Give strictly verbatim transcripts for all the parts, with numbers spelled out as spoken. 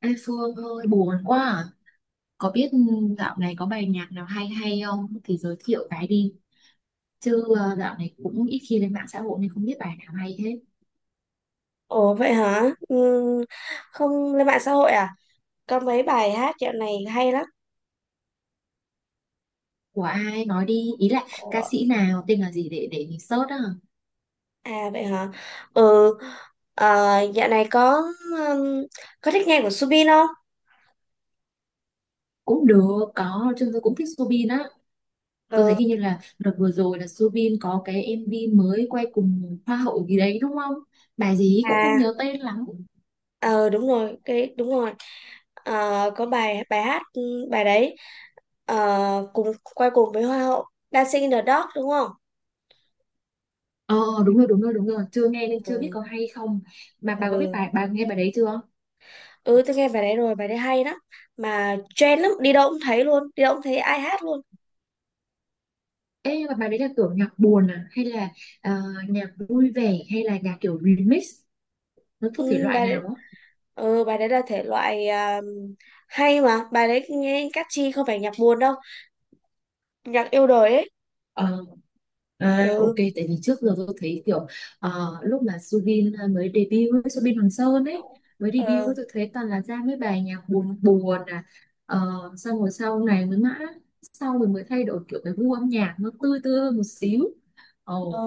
Ê Phương ơi buồn quá à. Có biết dạo này có bài nhạc nào hay hay không thì giới thiệu cái đi chứ ờ, dạo này cũng ít khi lên mạng xã hội nên không biết bài nào hay hết Ồ vậy hả? Ừ, không lên mạng xã hội à? Có mấy bài hát dạo này hay lắm. của ai, nói đi, ý là ca Ủa? sĩ nào, tên là gì để để mình search á. À vậy hả? Ừ, à, dạo này có um, có thích nghe của Subin không? Cũng được, có chứ, tôi cũng thích Soobin á. Tôi thấy Ừ, hình như là đợt vừa rồi là Soobin có cái em vê mới quay cùng hoa hậu gì đấy đúng không? Bài gì cũng không à, nhớ tên lắm. ờ đúng rồi, cái đúng rồi. Ờ, có bài bài hát ừ, bài đấy, ờ, cùng quay cùng với Hoa hậu, Dancing in the Dark, đúng không? Ờ, đúng rồi đúng rồi đúng rồi, chưa nghe nên chưa biết Ừ, có hay không. Mà bà có biết ừ, bài, bà nghe bài đấy chưa? ừ, tôi nghe bài đấy rồi, bài đấy hay lắm. Mà trend lắm, đi đâu cũng thấy luôn, đi đâu cũng thấy ai hát luôn. Ê, nhưng mà bài đấy là kiểu nhạc buồn à hay là ờ, nhạc vui vẻ hay là nhạc kiểu remix, nó thuộc thể Ừ, loại bài nào á? Ừ, bài đấy là thể loại à, hay, mà bài đấy nghe catchy, không phải nhạc buồn đâu, nhạc yêu đời ấy. Ờ, à, ok, Ừ, tại vì trước giờ tôi thấy kiểu ờ, lúc mà Subin ờ, mới debut ấy, Subin Hoàng Sơn ấy mới debut ấy, ừ, tôi thấy toàn là ra mấy bài nhạc buồn buồn à. Uh, xong rồi sau này mới mã sau rồi mới thay đổi kiểu cái gu âm nhạc nó tươi tươi hơn một xíu. ừ, Ồ.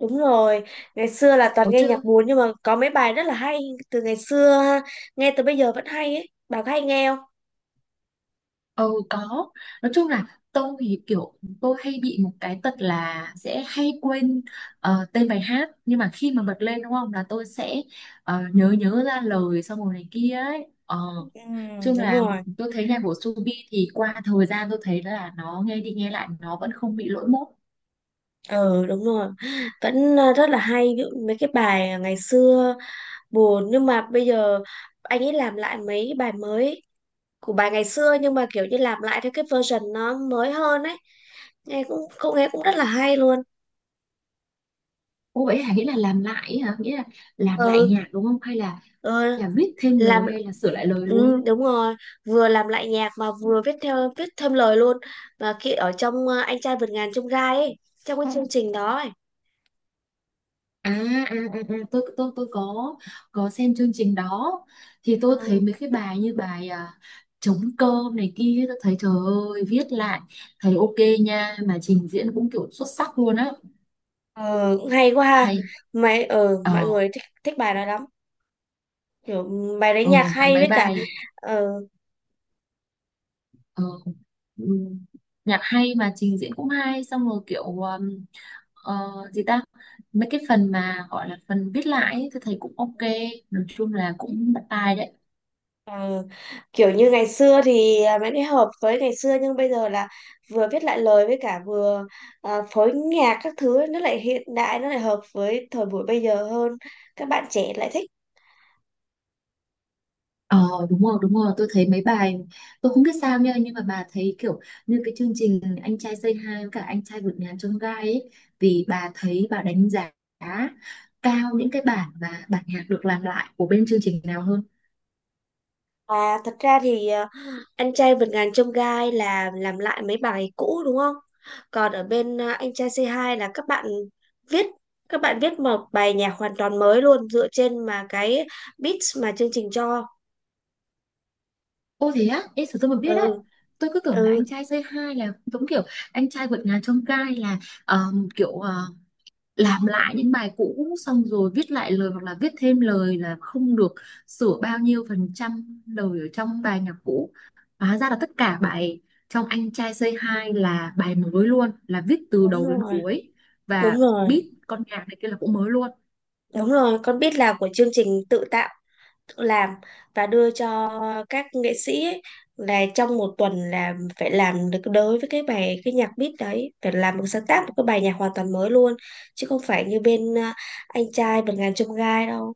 đúng rồi, ngày xưa là toàn Oh, nghe nhạc buồn nhưng mà có mấy bài rất là hay từ ngày xưa ha. Nghe từ bây giờ vẫn hay ấy, bà có hay nghe không? ừ có. Nói chung là tôi thì kiểu tôi hay bị một cái tật là sẽ hay quên ờ, tên bài hát. Nhưng mà khi mà bật lên đúng không, là tôi sẽ ờ, nhớ, nhớ ra lời, xong rồi này kia ấy. Ờ, Ừ, nói chung đúng là rồi, tôi thấy nhạc của Subi thì qua thời gian tôi thấy là nó nghe đi nghe lại nó vẫn không bị lỗi mốt. ừ đúng rồi, vẫn à, rất là hay, ví dụ mấy cái bài ngày xưa buồn nhưng mà bây giờ anh ấy làm lại mấy bài mới của bài ngày xưa, nhưng mà kiểu như làm lại theo cái version nó mới hơn ấy, nghe cũng cũng nghe cũng rất là hay luôn. Ồ vậy hả, nghĩa là làm lại ấy hả? Nghĩa là làm lại Ừ, nhạc đúng không? Hay là, ừ, là viết thêm làm lời hay là sửa lại lời luôn? ừ, đúng rồi, vừa làm lại nhạc mà vừa viết theo viết thêm lời luôn, và khi ở trong ờ, anh trai vượt ngàn chông gai ấy, trong cái chương trình đó ấy. À, à, à, à, tôi tôi tôi có có xem chương trình đó, thì tôi thấy mấy cái bài như bài à, trống cơm này kia, tôi thấy trời ơi viết lại thấy ok nha, mà trình diễn cũng kiểu xuất sắc luôn á. Ừ, cũng hay quá ha. Hay. Mấy ừ Ờ. mọi người thích thích bài đó lắm, kiểu ừ, bài đấy Ờ, nhạc làm hay mấy với cả. bài. Ừ. Ờ, ừ, nhạc hay mà trình diễn cũng hay, xong rồi kiểu um, ờ, gì ta, mấy cái phần mà gọi là phần viết lại ấy, tôi thấy cũng ok, nói chung là cũng bắt tai đấy. Ờ, kiểu như ngày xưa thì à, vẫn hợp với ngày xưa, nhưng bây giờ là vừa viết lại lời với cả vừa à, phối nhạc các thứ ấy, nó lại hiện đại, nó lại hợp với thời buổi bây giờ hơn, các bạn trẻ lại thích. Ờ đúng rồi đúng rồi, tôi thấy mấy bài tôi không biết sao nha, nhưng mà bà thấy kiểu như cái chương trình Anh trai Say Hi với cả Anh trai vượt ngàn chông gai ấy, vì bà thấy, bà đánh giá cao những cái bản và bản nhạc được làm lại của bên chương trình nào hơn? À, thật ra thì à, anh trai vượt ngàn chông gai là làm lại mấy bài cũ đúng không, còn ở bên à, anh trai c hai là các bạn viết, các bạn viết một bài nhạc hoàn toàn mới luôn dựa trên mà cái beats mà chương trình cho. Ô thế á, ê sao tôi mà biết đấy, Ừ, tôi cứ tưởng là Anh ừ, trai Say Hi là giống kiểu Anh trai vượt ngàn chông gai, là ờ, kiểu ờ, làm lại những bài cũ xong rồi viết lại lời hoặc là viết thêm lời, là không được sửa bao nhiêu phần trăm lời ở trong bài nhạc cũ. Hóa ra là tất cả bài trong Anh trai Say Hi là bài mới luôn, là viết từ đúng đầu đến rồi, cuối, và đúng rồi. beat con nhạc này kia là cũng mới luôn. Đúng rồi, con biết là của chương trình tự tạo, tự làm và đưa cho các nghệ sĩ ấy, là trong một tuần là phải làm được đối với cái bài cái nhạc beat đấy, phải làm một sáng tác một cái bài nhạc hoàn toàn mới luôn, chứ không phải như bên à, anh trai vượt ngàn chông gai đâu.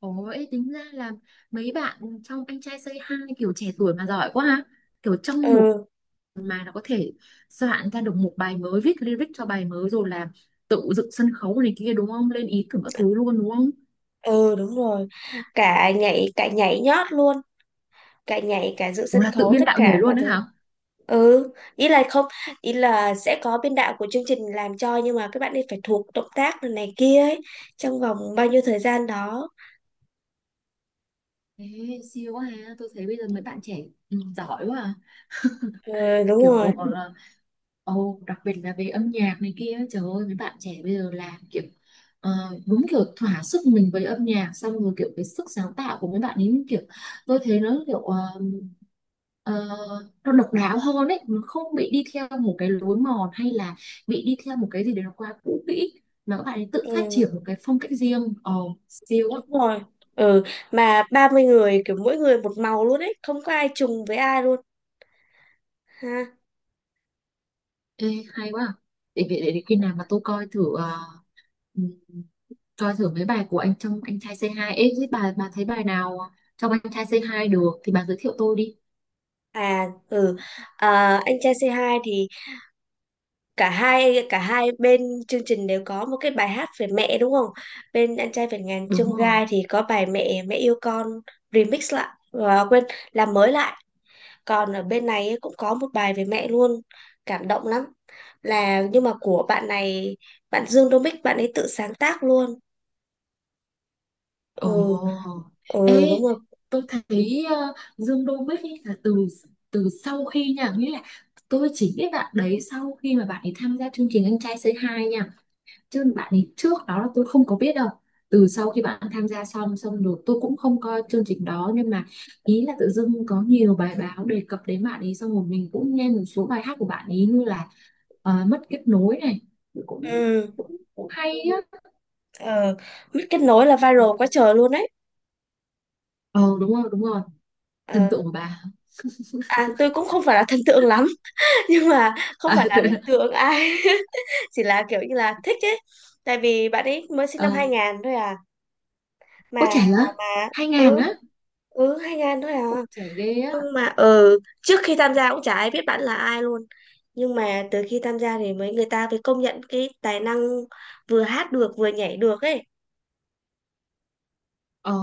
Ôi, tính ra là mấy bạn trong Anh trai Say Hi kiểu trẻ tuổi mà giỏi quá ha. Kiểu trong một Ừ, mà nó có thể soạn ra được một bài mới, viết lyric cho bài mới, rồi là tự dựng sân khấu này kia đúng không? Lên ý tưởng các thứ luôn đúng không? ừ đúng rồi. Cả nhảy cả nhảy nhót luôn. Cả nhảy cả dự Ủa sân là tự khấu biên tất đạo nhảy cả mọi luôn đấy thứ. hả? Ừ, ý là không, ý là sẽ có biên đạo của chương trình làm cho, nhưng mà các bạn ấy phải thuộc động tác này, này kia ấy trong vòng bao nhiêu thời gian đó. Ê, siêu quá ha, tôi thấy bây giờ mấy bạn trẻ ừ, giỏi quá à. Ừ, đúng Kiểu rồi. là ồ, đặc biệt là về âm nhạc này kia ấy, trời ơi mấy bạn trẻ bây giờ làm kiểu ờ, đúng kiểu thỏa sức mình với âm nhạc, xong rồi kiểu cái sức sáng tạo của mấy bạn ấy kiểu tôi thấy nó kiểu ờ, ờ, nó độc đáo hơn ấy, nó không bị đi theo một cái lối mòn hay là bị đi theo một cái gì đấy nó quá cũ kỹ, mà các bạn ấy tự phát Ừ, triển một cái phong cách riêng, ồ siêu á. đúng rồi. Ừ, mà ba mươi người kiểu mỗi người một màu luôn ấy, không có ai trùng với ai luôn ha. Ê, hay quá à. để, để, để, để khi nào mà tôi coi thử ờ, coi thử mấy bài của anh trong Anh trai C two ấy, thế bà bà thấy bài nào trong Anh trai C two được thì bà giới thiệu tôi đi. À. Ừ. À, anh trai c hai thì cả hai cả hai bên chương trình đều có một cái bài hát về mẹ đúng không? Bên anh trai vượt ngàn Đúng chông rồi. gai thì có bài mẹ mẹ yêu con remix lại và quên làm mới lại. Còn ở bên này ấy cũng có một bài về mẹ luôn, cảm động lắm. Là nhưng mà của bạn này, bạn Dương Đô Mích bạn ấy tự sáng tác luôn. Ừ, Ồ. ừ Ê đúng rồi. tôi thấy ờ, Dương Đô Bích ấy là từ từ sau khi nha, nghĩa là tôi chỉ biết bạn đấy sau khi mà bạn ấy tham gia chương trình Anh trai xê hai nha, chứ bạn ấy trước đó là tôi không có biết đâu. Từ sau khi bạn tham gia xong, xong rồi tôi cũng không coi chương trình đó, nhưng mà ý là tự dưng có nhiều bài báo đề cập đến bạn ấy, xong rồi mình cũng nghe một số bài hát của bạn ấy, như là ờ, mất kết nối này, cũng Ừ, cũng, cũng hay á. ờ, Mít kết nối là viral quá trời luôn đấy. Ờ đúng rồi đúng rồi. Thần Ờ, tượng của bà? à tôi cũng không phải là thần tượng lắm nhưng mà không À, phải là thần tượng ai. Chỉ là kiểu như là thích ấy, tại vì bạn ấy mới sinh năm ờ, hai ngàn thôi à. ôi trẻ mà á. mà Hai ngàn ừ, á? ừ, hai nghìn thôi à, Ôi trẻ ghê á. nhưng mà ừ trước khi tham gia cũng chả ai biết bạn là ai luôn, nhưng mà từ khi tham gia thì mấy người ta mới công nhận cái tài năng, vừa hát được vừa nhảy được ấy. Ờ,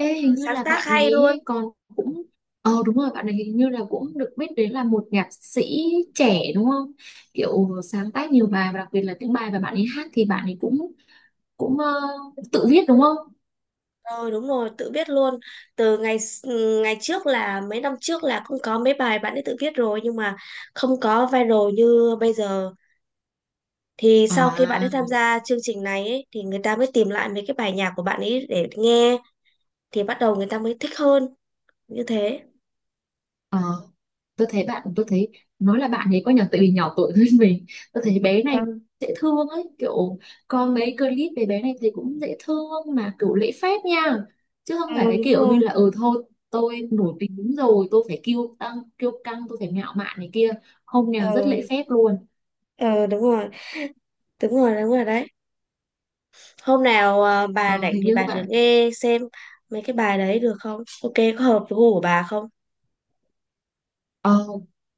Ừ, hình như sáng là tác bạn này hay luôn. ấy còn cũng ờ đúng rồi, bạn này hình như là cũng được biết đến là một nhạc sĩ trẻ đúng không? Kiểu sáng tác nhiều bài, và đặc biệt là tiếng bài và bạn ấy hát thì bạn ấy cũng cũng ờ, tự viết đúng không? Ừ đúng rồi, tự viết luôn. Từ ngày s- ừ, Ngày trước là mấy năm trước là cũng có mấy bài bạn ấy tự viết rồi nhưng mà không có viral như bây giờ. Thì sau khi bạn ấy À, tham gia chương trình này ấy, thì người ta mới tìm lại mấy cái bài nhạc của bạn ấy để nghe, thì bắt đầu người ta mới thích hơn như thế. ờ. Tôi thấy bạn, tôi thấy nói là bạn ấy có nhỏ tại vì nhỏ tuổi hơn mình, tôi thấy bé này Ừ. dễ thương ấy, kiểu có mấy clip về bé này thì cũng dễ thương mà kiểu lễ phép nha, chứ không phải Ừ, cái đúng kiểu như rồi. là ừ thôi tôi nổi tiếng đúng rồi tôi phải kiêu tăng kiêu căng, tôi phải ngạo mạn này kia, không nào, rất lễ Ừ, phép luôn. ừ, đúng rồi. Đúng rồi, đúng rồi đấy. Hôm nào ờ, bà ờ, rảnh Hình thì như bà thử bạn. nghe xem mấy cái bài đấy được không? Ok, có hợp với gu của bà không? Ờ,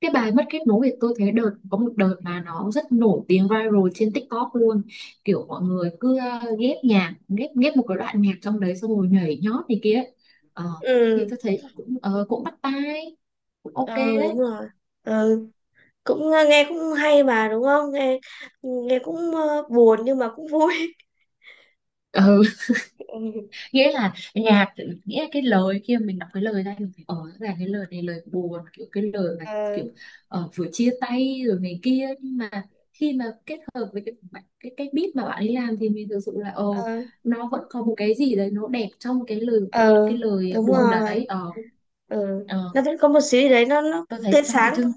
cái bài mất kết nối thì tôi thấy đợt có một đợt mà nó rất nổi tiếng, viral trên TikTok luôn, kiểu mọi người cứ ờ, ghép nhạc, ghép ghép một cái đoạn nhạc trong đấy xong rồi nhảy nhót này kia. ờ, thì Ừ, tôi thấy là cũng ờ, cũng bắt tai, cũng ok ừ, đúng rồi. Ừ, cũng ờ, nghe cũng hay mà đúng không? Nghe nghe cũng ờ, buồn nhưng mà cũng vui. đấy. Ừ, Nghĩa là nhạc, nghĩa là cái lời kia mình đọc cái lời ra mình phải ở là cái lời này lời buồn, kiểu cái lời mà ờ, kiểu ờ, vừa chia tay rồi này kia, nhưng mà khi mà kết hợp với cái bạn- cái cái beat mà bạn ấy làm thì mình thực sự là ờ, ờ, nó vẫn có một cái gì đấy nó đẹp trong cái lời, ờ, cái lời đúng buồn rồi. đấy ờ. Ừ. Ờ, Nó vẫn có một xíu đấy, nó nó tôi thấy tươi trong cái sáng. chương.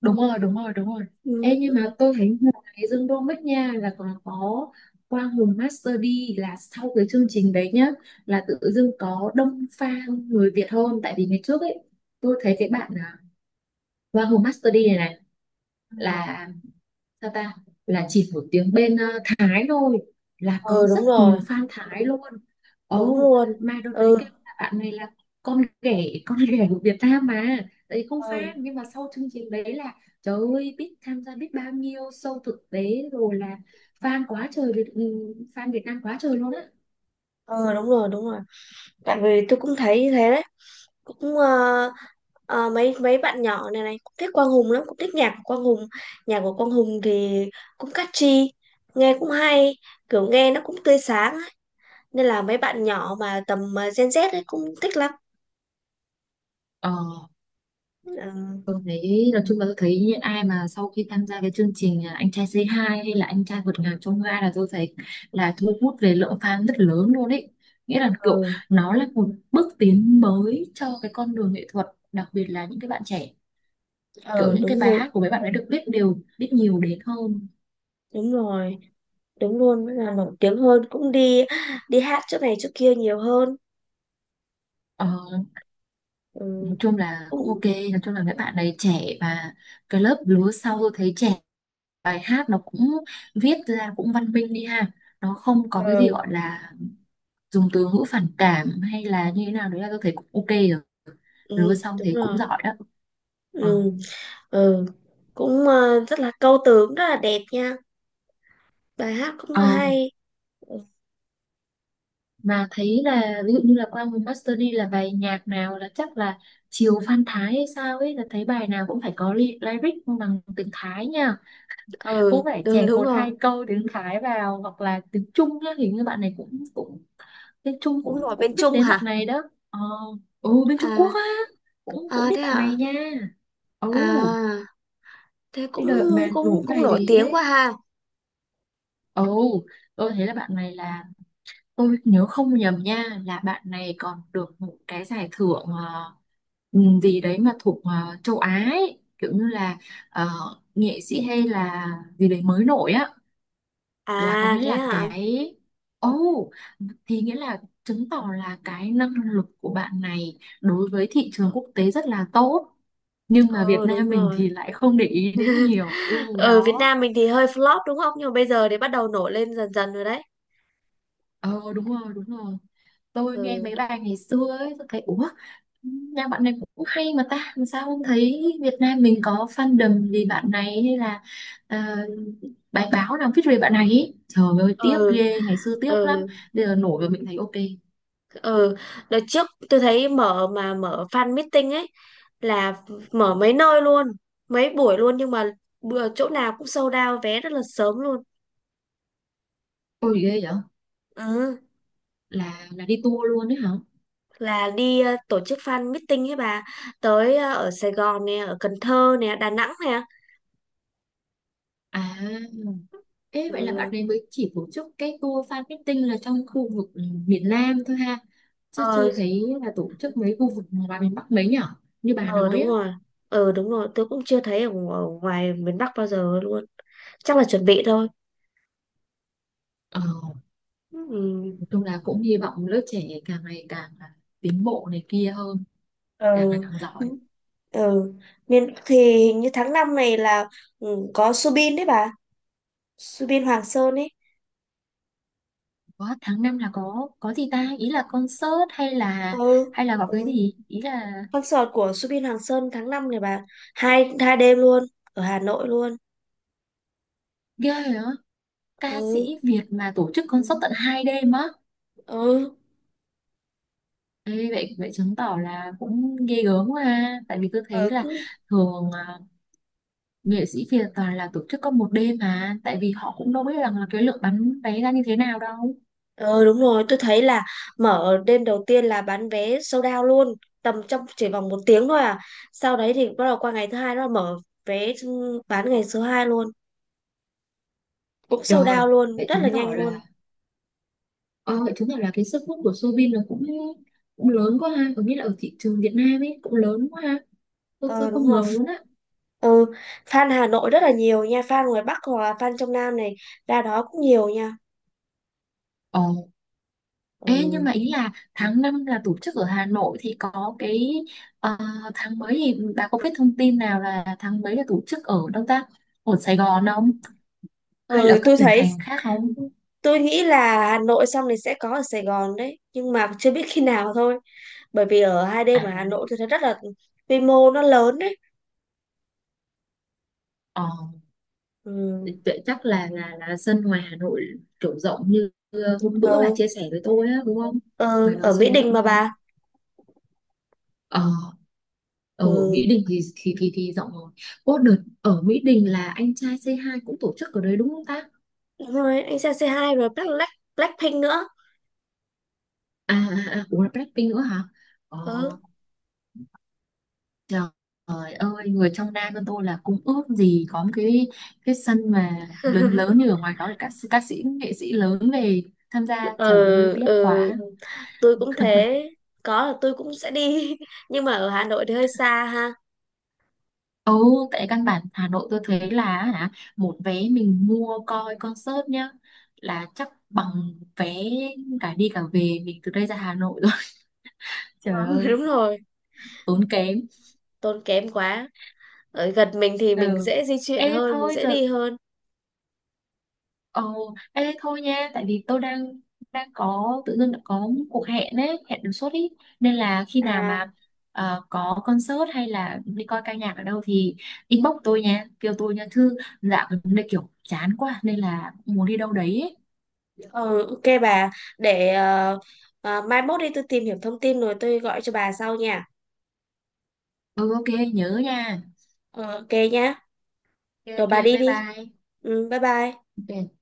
Đúng rồi đúng rồi đúng rồi. Ừ. Ê, nhưng Ừ. mà tôi thấy ngoài Dương Đô Bích nha là còn có Quang Hùng Master đi, là sau cái chương trình đấy nhá là tự dưng có đông fan người Việt hơn, tại vì ngày trước ấy tôi thấy cái bạn à, Quang Hùng Master đi này này Ừ. là sao ta, là chỉ một tiếng bên ờ, Thái thôi, là Ừ có rất đúng rồi, nhiều fan Thái luôn. đúng Ồ luôn. mà đợt đấy Ừ, các bạn này là con ghẻ con ghẻ của Việt Nam mà, đấy, không fan, ừ, nhưng mà sau chương trình đấy là trời ơi biết tham gia biết bao nhiêu show thực tế rồi là fan quá trời Việt- ừ, fan Việt Nam quá trời luôn á. ừ, đúng rồi, đúng rồi, tại vì tôi cũng thấy như thế đấy, cũng ờ, ờ, mấy mấy bạn nhỏ này này cũng thích Quang Hùng lắm, cũng thích nhạc của Quang Hùng, nhạc của Quang Hùng thì cũng catchy, nghe cũng hay, kiểu nghe nó cũng tươi sáng ấy. Nên là mấy bạn nhỏ mà tầm ờ, Gen Z ấy cũng thích lắm. Ờ. Ừ. Tôi thấy nói chung là tôi thấy những ai mà sau khi tham gia cái chương trình à, Anh trai Say Hi hay là Anh trai vượt ngàn chông gai là tôi thấy là thu hút về lượng fan rất lớn luôn ấy. Nghĩa là kiểu Ừ, nó là một bước tiến mới cho cái con đường nghệ thuật, đặc biệt là những cái bạn trẻ. Kiểu ừ những cái đúng bài rồi, hát của mấy bạn ấy được biết đều biết nhiều đến hơn. đúng rồi, đúng luôn là nổi tiếng hơn, cũng đi đi hát chỗ này chỗ kia nhiều hơn. Ờ, Ừ, nói chung là cũng cũng ok, nói chung là mấy bạn này trẻ và cái lớp lứa sau tôi thấy trẻ, bài hát nó cũng viết ra cũng văn minh đi ha. Nó không có cái ờ, gì gọi là dùng từ ngữ phản cảm hay là như thế nào đấy, là tôi thấy cũng ok rồi. ừ, Lúa xong đúng thấy cũng rồi. giỏi đó. Ờ. Ừ, ừ. Cũng ờ, rất là câu từ cũng rất là đẹp nha, bài hát cũng Ờ, là hay. Ừ, mà thấy là ví dụ như là qua một master đi, là bài nhạc nào là chắc là chiều Phan Thái hay sao ấy, là thấy bài nào cũng phải có ly- lyric bằng tiếng Thái nha, ừ, cũng phải đúng chèn đúng một rồi. hai câu tiếng Thái vào, hoặc là tiếng Trung nhá. Hình như bạn này cũng cũng tiếng Trung Cũng cũng nổi cũng bên biết Trung đến bạn hả? này đó. Ờ, ừ, bên Trung À. Quốc á, cũng À cũng biết thế bạn hả? này nha. Ừ, À, thế cái cũng đợt mà cũng nổi cũng bài nổi gì tiếng quá ấy. ha. Ồ, tôi thấy là bạn này là, tôi nhớ không nhầm nha, là bạn này còn được một cái giải thưởng ờ, ừm, gì đấy mà thuộc ờ, châu Á ấy. Kiểu như là ờ, nghệ sĩ hay là gì đấy mới nổi á, là có À nghĩa thế là hả? cái. Ồ, thì nghĩa là chứng tỏ là cái năng lực của bạn này đối với thị trường quốc tế rất là tốt, nhưng mà Việt Ừ đúng Nam mình rồi. thì lại không để ý đến nhiều. Ừ, Ở Việt đó. Nam mình thì hơi flop đúng không, nhưng mà bây giờ thì bắt đầu nổi lên dần dần rồi đấy. Ờ đúng rồi, đúng rồi. Tôi nghe Ừ. mấy bài ngày xưa ấy, tôi thấy ủa, nhà bạn này cũng hay mà ta, mà sao không thấy Việt Nam mình có fandom vì bạn này, hay là ờ, bài báo nào viết về bạn này ấy. Trời ơi, tiếc Ừ. ghê, ngày xưa tiếc lắm. Ừ. Bây giờ nổi rồi mình thấy ok. Ừ, đợt trước tôi thấy mở mà mở fan meeting ấy, là mở mấy nơi luôn, mấy buổi luôn, nhưng mà bữa chỗ nào cũng sold out vé rất là sớm luôn. Ôi ghê vậy? Ừ, Là là đi tour luôn đấy hả? là đi ờ, tổ chức fan meeting ấy bà, tới ờ, ở Sài Gòn nè, ở Cần Thơ nè, Đà Nẵng nè. À, thế vậy là bạn Ừ. này mới chỉ tổ chức cái tour fan meeting là trong khu vực miền Nam thôi ha. Chứ Ờ. chưa thấy là tổ chức mấy khu vực ngoài miền Bắc mấy nhở? Như bà Ờ nói đúng á. rồi, ờ đúng rồi, tôi cũng chưa thấy ở, ngo- ở ngoài miền Bắc bao giờ luôn, chắc là chuẩn bị thôi. Ờ, Ừ. nói chung là cũng hy vọng lớp trẻ càng ngày càng là tiến bộ này kia hơn, càng ngày Ừ. càng giỏi. Ừ. Miền thì hình như tháng năm này là ừ, có Subin đấy bà, Subin Hoàng Sơn ấy. Có tháng năm là có có gì ta? Ý là concert hay là, Ừ. hay là có cái Ừ. gì? Ý là Concert của Subin Hoàng Sơn tháng năm này bà, hai hai đêm luôn, ở Hà Nội luôn. ghê rồi á, ca Ừ. sĩ Việt mà tổ chức concert tận hai đêm á. Ừ. Ê, vậy vậy chứng tỏ là cũng ghê gớm, mà tại vì tôi thấy ừ, là cũng- thường à, nghệ sĩ Việt toàn là tổ chức có một đêm, mà tại vì họ cũng đâu biết rằng là cái lượng bán vé ra như thế nào đâu. ừ đúng rồi, tôi thấy là mở đêm đầu tiên là bán vé sold out luôn, tầm trong chỉ vòng một tiếng thôi à. Sau đấy thì bắt đầu qua ngày thứ hai, nó mở vé bán ngày số hai luôn, cũng sold out Trời, luôn vậy rất là chứng nhanh tỏ luôn. là, ờ, chứng tỏ là cái sức hút của Soobin nó cũng cũng lớn quá ha, có nghĩa là ở thị trường Việt Nam ấy cũng lớn quá ha. Tôi tôi Ờ đúng không rồi. ngờ luôn á. Ừ, fan Hà Nội rất là nhiều nha, fan ngoài Bắc hoặc là fan trong Nam này ra đó cũng nhiều nha. Ờ, Ê nhưng Ừ. mà ý là tháng năm là tổ chức ở Hà Nội thì có cái, ờ, tháng mấy thì bà có biết thông tin nào là tháng mấy là tổ chức ở đâu ta? Ở Sài Gòn không? Hay là Ừ, ở các tôi tỉnh thấy thành khác không? tôi nghĩ là Hà Nội xong thì sẽ có ở Sài Gòn đấy, nhưng mà chưa biết khi nào thôi. Bởi vì ở hai đêm À, ở Hà Nội tôi thấy rất là quy mô, nó lớn đấy. ờ, Ừ. vậy chắc là là là sân ngoài Hà Nội kiểu rộng như hôm bữa bà Ừ, chia sẻ với tôi á đúng không? Ngoài ừ, đó ở sân Mỹ có Đình rộng mà không? bà. Ờ, ở Mỹ Ừ. Đình thì thì thì, thì rộng rồi. Ô đợt ở Mỹ Đình là anh trai c hai cũng tổ chức ở đấy đúng không ta? Đúng rồi, anh Sang xê hai rồi Black, Black, Blackpink nữa. À à, à, cũng là Blackpink nữa hả? Ờ, Ừ. trời ơi người trong Nam bên tôi là cũng ước gì có một cái cái sân mà lớn lớn như ở ngoài đó, để các các sĩ nghệ sĩ lớn về tham gia. Trời ơi Ừ, tiếc ừ, quá. tôi cũng thế, có là tôi cũng sẽ đi nhưng mà ở Hà Nội thì hơi xa ha. Ồ, tại căn bản Hà Nội tôi thấy là hả, một vé mình mua coi concert nhá là chắc bằng vé cả đi cả về mình từ đây ra Hà Nội rồi. Trời Ờ, ơi đúng rồi, tốn kém. tốn kém quá. Ở gần mình thì mình Ừ. dễ di chuyển Ê hơn, mình thôi dễ giờ, đi hơn. ồ ê thôi nha, tại vì tôi đang, đang có, tự dưng đã có một cuộc hẹn ấy, hẹn đột xuất ý, nên là khi nào À, mà ờ, có concert hay là đi coi ca nhạc ở đâu thì inbox tôi nha, kêu tôi nha thư, dạo gần đây kiểu chán quá nên là muốn đi đâu đấy ấy. ừ, ok bà, để ờ, ờ, mai mốt đi tôi tìm hiểu thông tin rồi tôi gọi cho bà sau nha. Ừ, ok, nhớ nha. Ờ, ok nhá, Ok rồi ok, bà đi bye đi. bye. Ừ, bye bye. Ok.